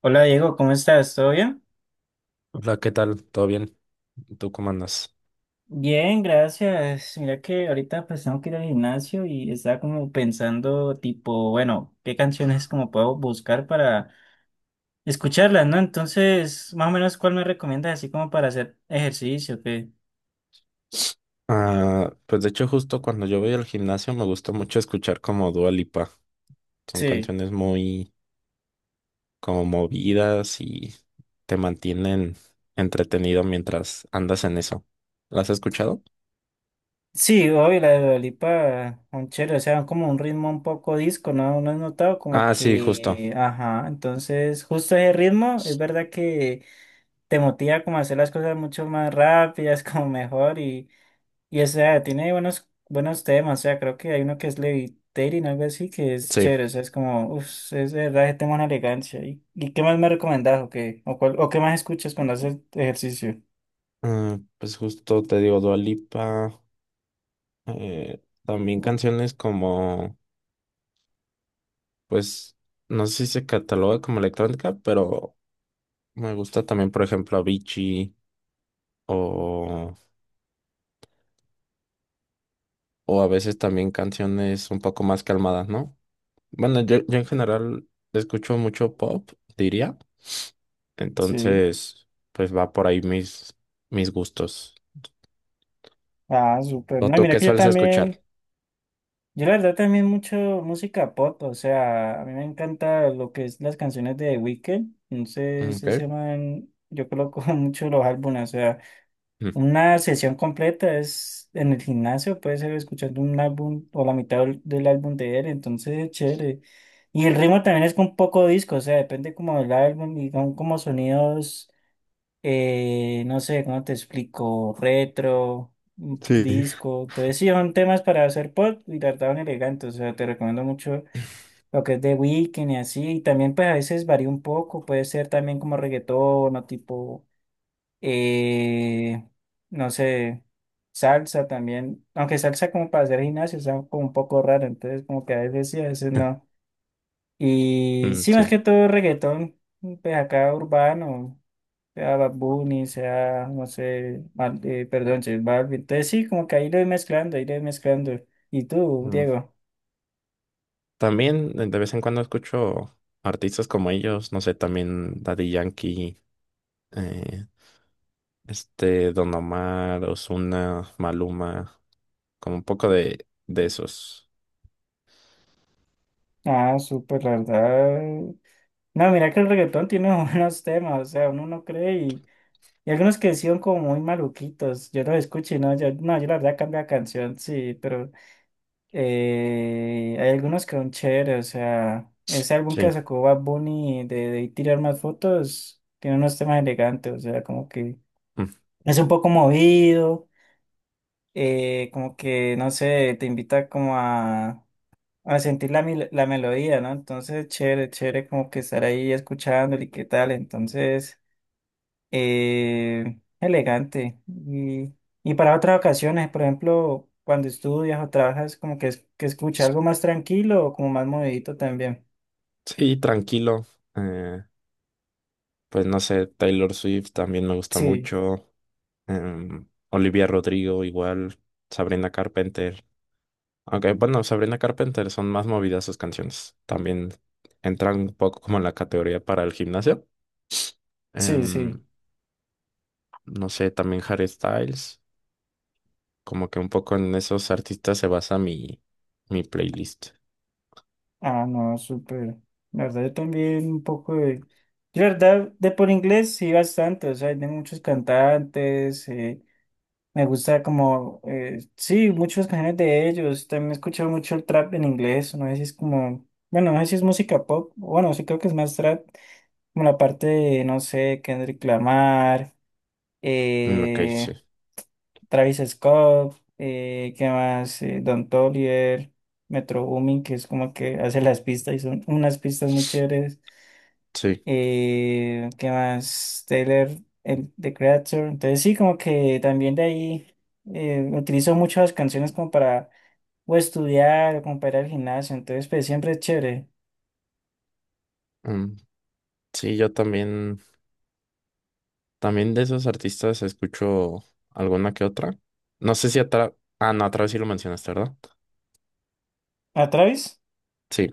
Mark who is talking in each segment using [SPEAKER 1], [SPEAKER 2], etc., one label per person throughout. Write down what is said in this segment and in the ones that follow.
[SPEAKER 1] Hola Diego, ¿cómo estás? ¿Todo bien?
[SPEAKER 2] Hola, ¿qué tal? ¿Todo bien? ¿Tú cómo andas?
[SPEAKER 1] Bien, gracias. Mira que ahorita pues tengo que ir al gimnasio y estaba como pensando tipo, bueno, qué canciones como puedo buscar para escucharlas, ¿no? Entonces, más o menos, ¿cuál me recomiendas así como para hacer ejercicio? ¿Qué?
[SPEAKER 2] Ah, pues de hecho justo cuando yo voy al gimnasio me gusta mucho escuchar como Dua Lipa. Son
[SPEAKER 1] Sí.
[SPEAKER 2] canciones muy como movidas y te mantienen entretenido mientras andas en eso. ¿Las has escuchado?
[SPEAKER 1] Sí, obvio, la de Dua Lipa, un chévere, o sea, como un ritmo un poco disco, ¿no? ¿No has notado? Como
[SPEAKER 2] Ah, sí, justo.
[SPEAKER 1] que, ajá, entonces justo ese ritmo, es verdad que te motiva como a hacer las cosas mucho más rápidas, como mejor y... Y o sea, tiene buenos temas, o sea, creo que hay uno que es Levitating, algo así, que es
[SPEAKER 2] Sí.
[SPEAKER 1] chévere, o sea, es como, uff, es de verdad, ese tema es una elegancia. ¿Y, qué más me recomendás o qué, o, cuál- o qué más escuchas cuando haces ejercicio?
[SPEAKER 2] Ah, pues justo te digo Dua Lipa. eh, También canciones como, pues, no sé si se cataloga como electrónica, pero me gusta también, por ejemplo, Avicii o... O a veces también canciones un poco más calmadas, ¿no? Bueno, yo en general escucho mucho pop, diría.
[SPEAKER 1] Sí,
[SPEAKER 2] Entonces, pues va por ahí mis gustos.
[SPEAKER 1] ah, súper.
[SPEAKER 2] ¿O
[SPEAKER 1] No,
[SPEAKER 2] tú
[SPEAKER 1] mira
[SPEAKER 2] qué
[SPEAKER 1] que yo
[SPEAKER 2] sueles
[SPEAKER 1] también,
[SPEAKER 2] escuchar?
[SPEAKER 1] yo la verdad también mucho música pop, o sea, a mí me encanta lo que es las canciones de The Weeknd,
[SPEAKER 2] Mm,
[SPEAKER 1] entonces ese
[SPEAKER 2] ok.
[SPEAKER 1] man, yo coloco mucho los álbumes, o sea.
[SPEAKER 2] Mm.
[SPEAKER 1] Una sesión completa es en el gimnasio, puede ser escuchando un álbum o la mitad del álbum de él, entonces es chévere. Y el ritmo también es con poco disco, o sea, depende como del álbum y son como sonidos, no sé, ¿cómo te explico? Retro,
[SPEAKER 2] Sí.
[SPEAKER 1] disco. Entonces sí, son temas para hacer pop y trataban elegantes, o sea, te recomiendo mucho lo que es de weekend y así. Y también pues a veces varía un poco, puede ser también como reggaetón o tipo eh, no sé, salsa también, aunque salsa como para hacer gimnasio, está como un poco raro, entonces como que a veces sí, a veces no. Y
[SPEAKER 2] Mm,
[SPEAKER 1] sí, más que
[SPEAKER 2] sí.
[SPEAKER 1] todo reggaetón, pues acá urbano, sea Bad Bunny, sea, no sé, perdón, J Balvin, entonces sí, como que ahí lo voy mezclando, ahí lo voy mezclando. ¿Y tú,
[SPEAKER 2] Mm.
[SPEAKER 1] Diego?
[SPEAKER 2] También de vez en cuando escucho artistas como ellos, no sé, también Daddy Yankee, eh, este Don Omar, Ozuna, Maluma, como un poco de esos.
[SPEAKER 1] Ah, súper, la verdad. No, mira que el reggaetón tiene buenos temas, o sea, uno no cree. Y algunos que sí son como muy maluquitos. Yo los escuché, no, yo, no, yo la verdad cambié la canción, sí, pero hay algunos que son chéveres. O sea, ese álbum que
[SPEAKER 2] Sí.
[SPEAKER 1] sacó Bad Bunny de, tirar más fotos tiene unos temas elegantes. O sea, como que
[SPEAKER 2] Mm.
[SPEAKER 1] es un poco movido, como que, no sé, te invita como a sentir la, mil- la melodía, ¿no? Entonces, chévere, chévere como que estar ahí escuchándole y qué tal. Entonces elegante. Y, para otras ocasiones, por ejemplo, cuando estudias o trabajas, como que, es- que escucha algo más tranquilo o como más movidito también.
[SPEAKER 2] Sí, tranquilo. Eh, pues no sé, Taylor Swift también me gusta
[SPEAKER 1] Sí,
[SPEAKER 2] mucho. Em, Olivia Rodrigo igual. Sabrina Carpenter. Aunque bueno, Sabrina Carpenter son más movidas sus canciones. También entran un poco como en la categoría para el gimnasio.
[SPEAKER 1] sí, sí.
[SPEAKER 2] Em, no sé, también Harry Styles. Como que un poco en esos artistas se basa mi playlist.
[SPEAKER 1] Ah, no, súper. La verdad, yo también un poco de... Yo, la verdad, de por inglés sí bastante, o sea, hay de muchos cantantes, me gusta como, sí, muchas canciones de ellos, también he escuchado mucho el trap en inglés, no sé si es como, bueno, no sé si es música pop, bueno, sí creo que es más trap. Como la parte de, no sé, Kendrick Lamar,
[SPEAKER 2] Mm, ok, sí.
[SPEAKER 1] eh, Travis Scott, ¿qué más? Don Toliver, Metro Boomin, que es como que hace las pistas y son unas pistas muy chéveres.
[SPEAKER 2] Sí.
[SPEAKER 1] ¿Qué más? Taylor, el, The Creator. Entonces sí, como que también de ahí utilizo muchas canciones como para o estudiar o como para ir al gimnasio. Entonces, pues siempre es chévere.
[SPEAKER 2] Em, sí, yo también. También de esos artistas escucho alguna que otra. No sé si atrás. Ah, no, atrás sí lo mencionaste, ¿verdad?
[SPEAKER 1] ¿A Travis?
[SPEAKER 2] Sí,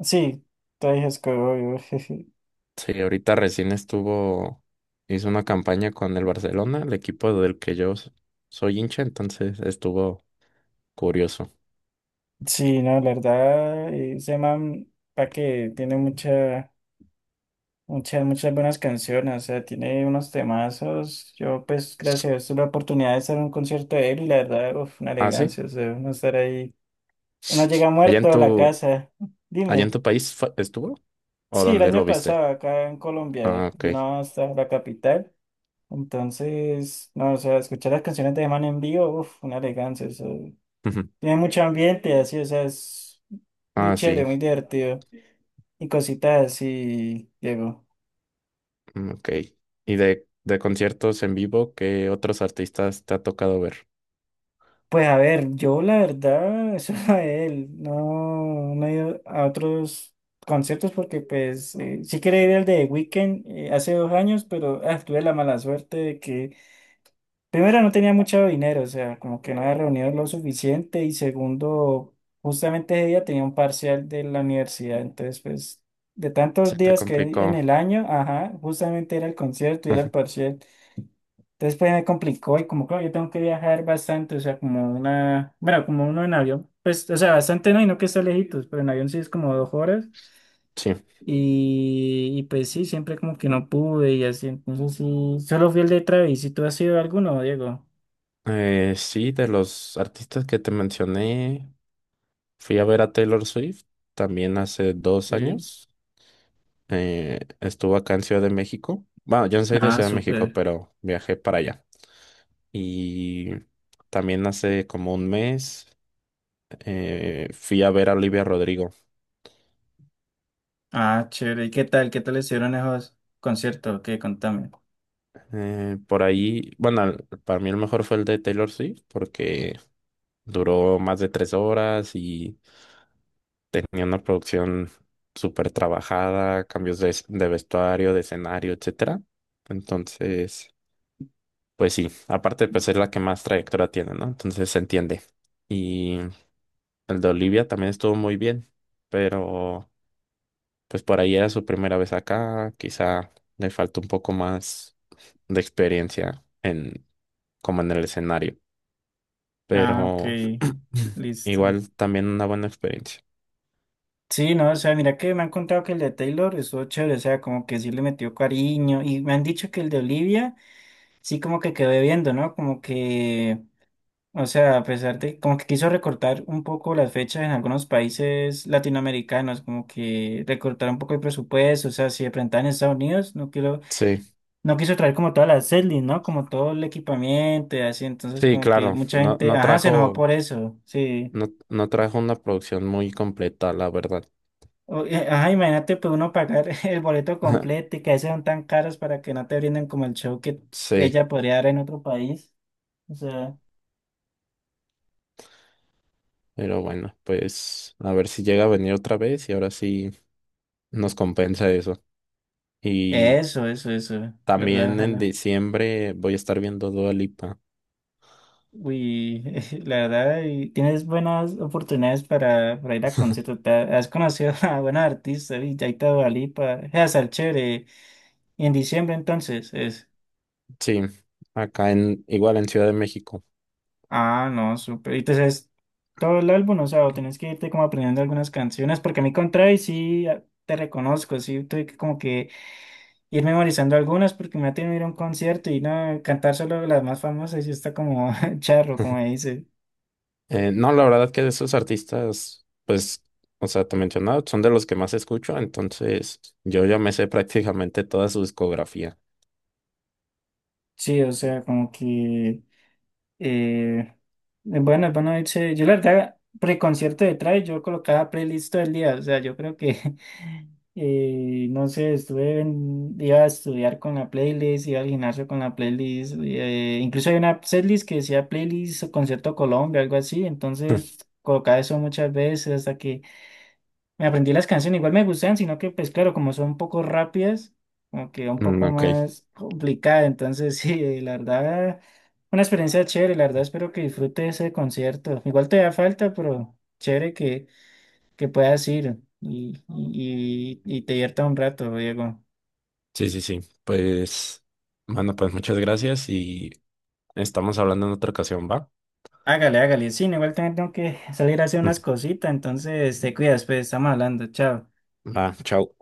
[SPEAKER 1] Sí, Travis Scott, obvio.
[SPEAKER 2] sí, ahorita recién estuvo. Hizo una campaña con el Barcelona, el equipo del que yo soy hincha, entonces estuvo curioso.
[SPEAKER 1] Sí, no, la verdad, ese man, pa' que tiene mucha, muchas buenas canciones, o sea, tiene unos temazos. Yo, pues, gracias a Dios, tuve la oportunidad de estar en un concierto de él y la verdad, uf, una
[SPEAKER 2] Ah, sí.
[SPEAKER 1] elegancia, o sea, uno estar ahí. Uno llega
[SPEAKER 2] ¿Allá en
[SPEAKER 1] muerto a la casa.
[SPEAKER 2] allá en
[SPEAKER 1] Dime.
[SPEAKER 2] tu país estuvo? ¿O
[SPEAKER 1] Sí, el
[SPEAKER 2] dónde
[SPEAKER 1] año
[SPEAKER 2] lo viste?
[SPEAKER 1] pasado acá en
[SPEAKER 2] Ah,
[SPEAKER 1] Colombia
[SPEAKER 2] ok.
[SPEAKER 1] vino hasta la capital. Entonces, no, o sea, escuchar las canciones de ese man en vivo, uf, una elegancia, o sea,
[SPEAKER 2] Ujú.
[SPEAKER 1] tiene mucho ambiente, así, o sea, es muy
[SPEAKER 2] Ah, sí,
[SPEAKER 1] chévere, muy divertido. Y cositas así, Diego.
[SPEAKER 2] mm, ok. ¿Y de conciertos en vivo, qué otros artistas te ha tocado ver?
[SPEAKER 1] Pues a ver, yo la verdad, eso a él, no, no he ido a otros conciertos porque pues sí quería ir al de Weekend hace dos años, pero ah, tuve la mala suerte de que primero no tenía mucho dinero, o sea, como que no había reunido lo suficiente y segundo, justamente ese día tenía un parcial de la universidad, entonces pues de tantos
[SPEAKER 2] Se te
[SPEAKER 1] días que hay en
[SPEAKER 2] complicó.
[SPEAKER 1] el año, ajá, justamente era el concierto y era el parcial. Entonces pues me complicó y como claro, yo tengo que viajar bastante, o sea, como una, bueno, como uno en avión, pues, o sea, bastante no, y no que está lejitos, pero en avión sí es como dos horas
[SPEAKER 2] Sí.
[SPEAKER 1] y, pues sí, siempre como que no pude y así, entonces sí, solo fui el de Travis, ¿y tú has sido alguno, Diego?
[SPEAKER 2] Sí, de los artistas que te mencioné, fui a ver a Taylor Swift también hace dos
[SPEAKER 1] Sí.
[SPEAKER 2] años. Estuvo acá en Ciudad de México. Bueno, yo no soy de
[SPEAKER 1] Ah,
[SPEAKER 2] Ciudad de México,
[SPEAKER 1] súper.
[SPEAKER 2] pero viajé para allá. Y también hace como un mes fui a ver a Olivia Rodrigo.
[SPEAKER 1] Ah, chévere. ¿Y qué tal? ¿Qué tal estuvieron esos conciertos? ¿Qué? Contame.
[SPEAKER 2] Por ahí, bueno, para mí el mejor fue el de Taylor Swift porque duró más de 3 horas y tenía una producción súper trabajada, cambios de vestuario, de escenario, etcétera. Entonces, pues sí, aparte pues es la que más trayectoria tiene, ¿no? Entonces se entiende. Y el de Olivia también estuvo muy bien, pero pues por ahí era su primera vez acá, quizá le faltó un poco más de experiencia en como en el escenario,
[SPEAKER 1] Ah,
[SPEAKER 2] pero
[SPEAKER 1] ok. Listo.
[SPEAKER 2] igual también una buena experiencia.
[SPEAKER 1] Sí, no, o sea, mira que me han contado que el de Taylor estuvo chévere, o sea, como que sí le metió cariño, y me han dicho que el de Olivia sí como que quedó viendo, ¿no? Como que, o sea, a pesar de, como que quiso recortar un poco las fechas en algunos países latinoamericanos, como que recortar un poco el presupuesto, o sea, si de pronto en Estados Unidos, no quiero,
[SPEAKER 2] Sí,
[SPEAKER 1] no quiso traer como todas las setlist, ¿no? Como todo el equipamiento y así, entonces
[SPEAKER 2] sí,
[SPEAKER 1] como que
[SPEAKER 2] claro,
[SPEAKER 1] mucha gente, ajá, se enojó por eso, sí.
[SPEAKER 2] No, no trajo una producción muy completa, la verdad.
[SPEAKER 1] Ajá, imagínate pues uno pagar el boleto completo y que a veces son tan caros para que no te brinden como el show que
[SPEAKER 2] Sí,
[SPEAKER 1] ella podría dar en otro país. O sea,
[SPEAKER 2] pero bueno, pues a ver si llega a venir otra vez y ahora sí nos compensa eso. Y
[SPEAKER 1] eso, ¿verdad?
[SPEAKER 2] también en
[SPEAKER 1] Ojalá.
[SPEAKER 2] diciembre voy a estar viendo Dua Lipa.
[SPEAKER 1] Uy, la verdad, y tienes buenas oportunidades para ir a conciertos. Te ha- Has conocido a buenos artistas, y Yaita Dua Lipa, es a ser chévere. Y en diciembre entonces es.
[SPEAKER 2] Sí, acá en, igual en Ciudad de México.
[SPEAKER 1] Ah, no, súper. Y entonces, todo el álbum, o sea, o tenés que irte como aprendiendo algunas canciones, porque a mí con Travis sí ah, te reconozco, sí tuve que como que ir memorizando algunas, porque me ha tenido que ir a un concierto y no cantar solo las más famosas y está como charro, como dice.
[SPEAKER 2] No, la verdad que de esos artistas, pues, o sea, te mencionaba, son de los que más escucho, entonces yo ya me sé prácticamente toda su discografía.
[SPEAKER 1] Sí, o sea, como que. Eh, es bueno irse. Yo la verdad, preconcierto de Travis, yo colocaba playlist todo el día. O sea, yo creo que, no sé, iba a estudiar con la playlist, iba al gimnasio con la playlist. Incluso hay una playlist que decía playlist o concierto Colombia, algo así. Entonces colocaba eso muchas veces hasta que me aprendí las canciones, igual me gustan, sino que pues claro, como son un poco rápidas, como que un
[SPEAKER 2] Mm,
[SPEAKER 1] poco
[SPEAKER 2] ok,
[SPEAKER 1] más complicada, entonces sí, la verdad, una experiencia chévere, la verdad espero que disfrute ese concierto. Igual te da falta, pero chévere que, puedas ir y, te divierta un rato, Diego.
[SPEAKER 2] sí, sí, sí. Pues, bueno, pues muchas gracias y estamos hablando en otra ocasión, ¿va?
[SPEAKER 1] Hágale, hágale, sí, no, igual también tengo que salir a hacer unas cositas, entonces te cuidas, pues estamos hablando, chao.
[SPEAKER 2] Ah, chao.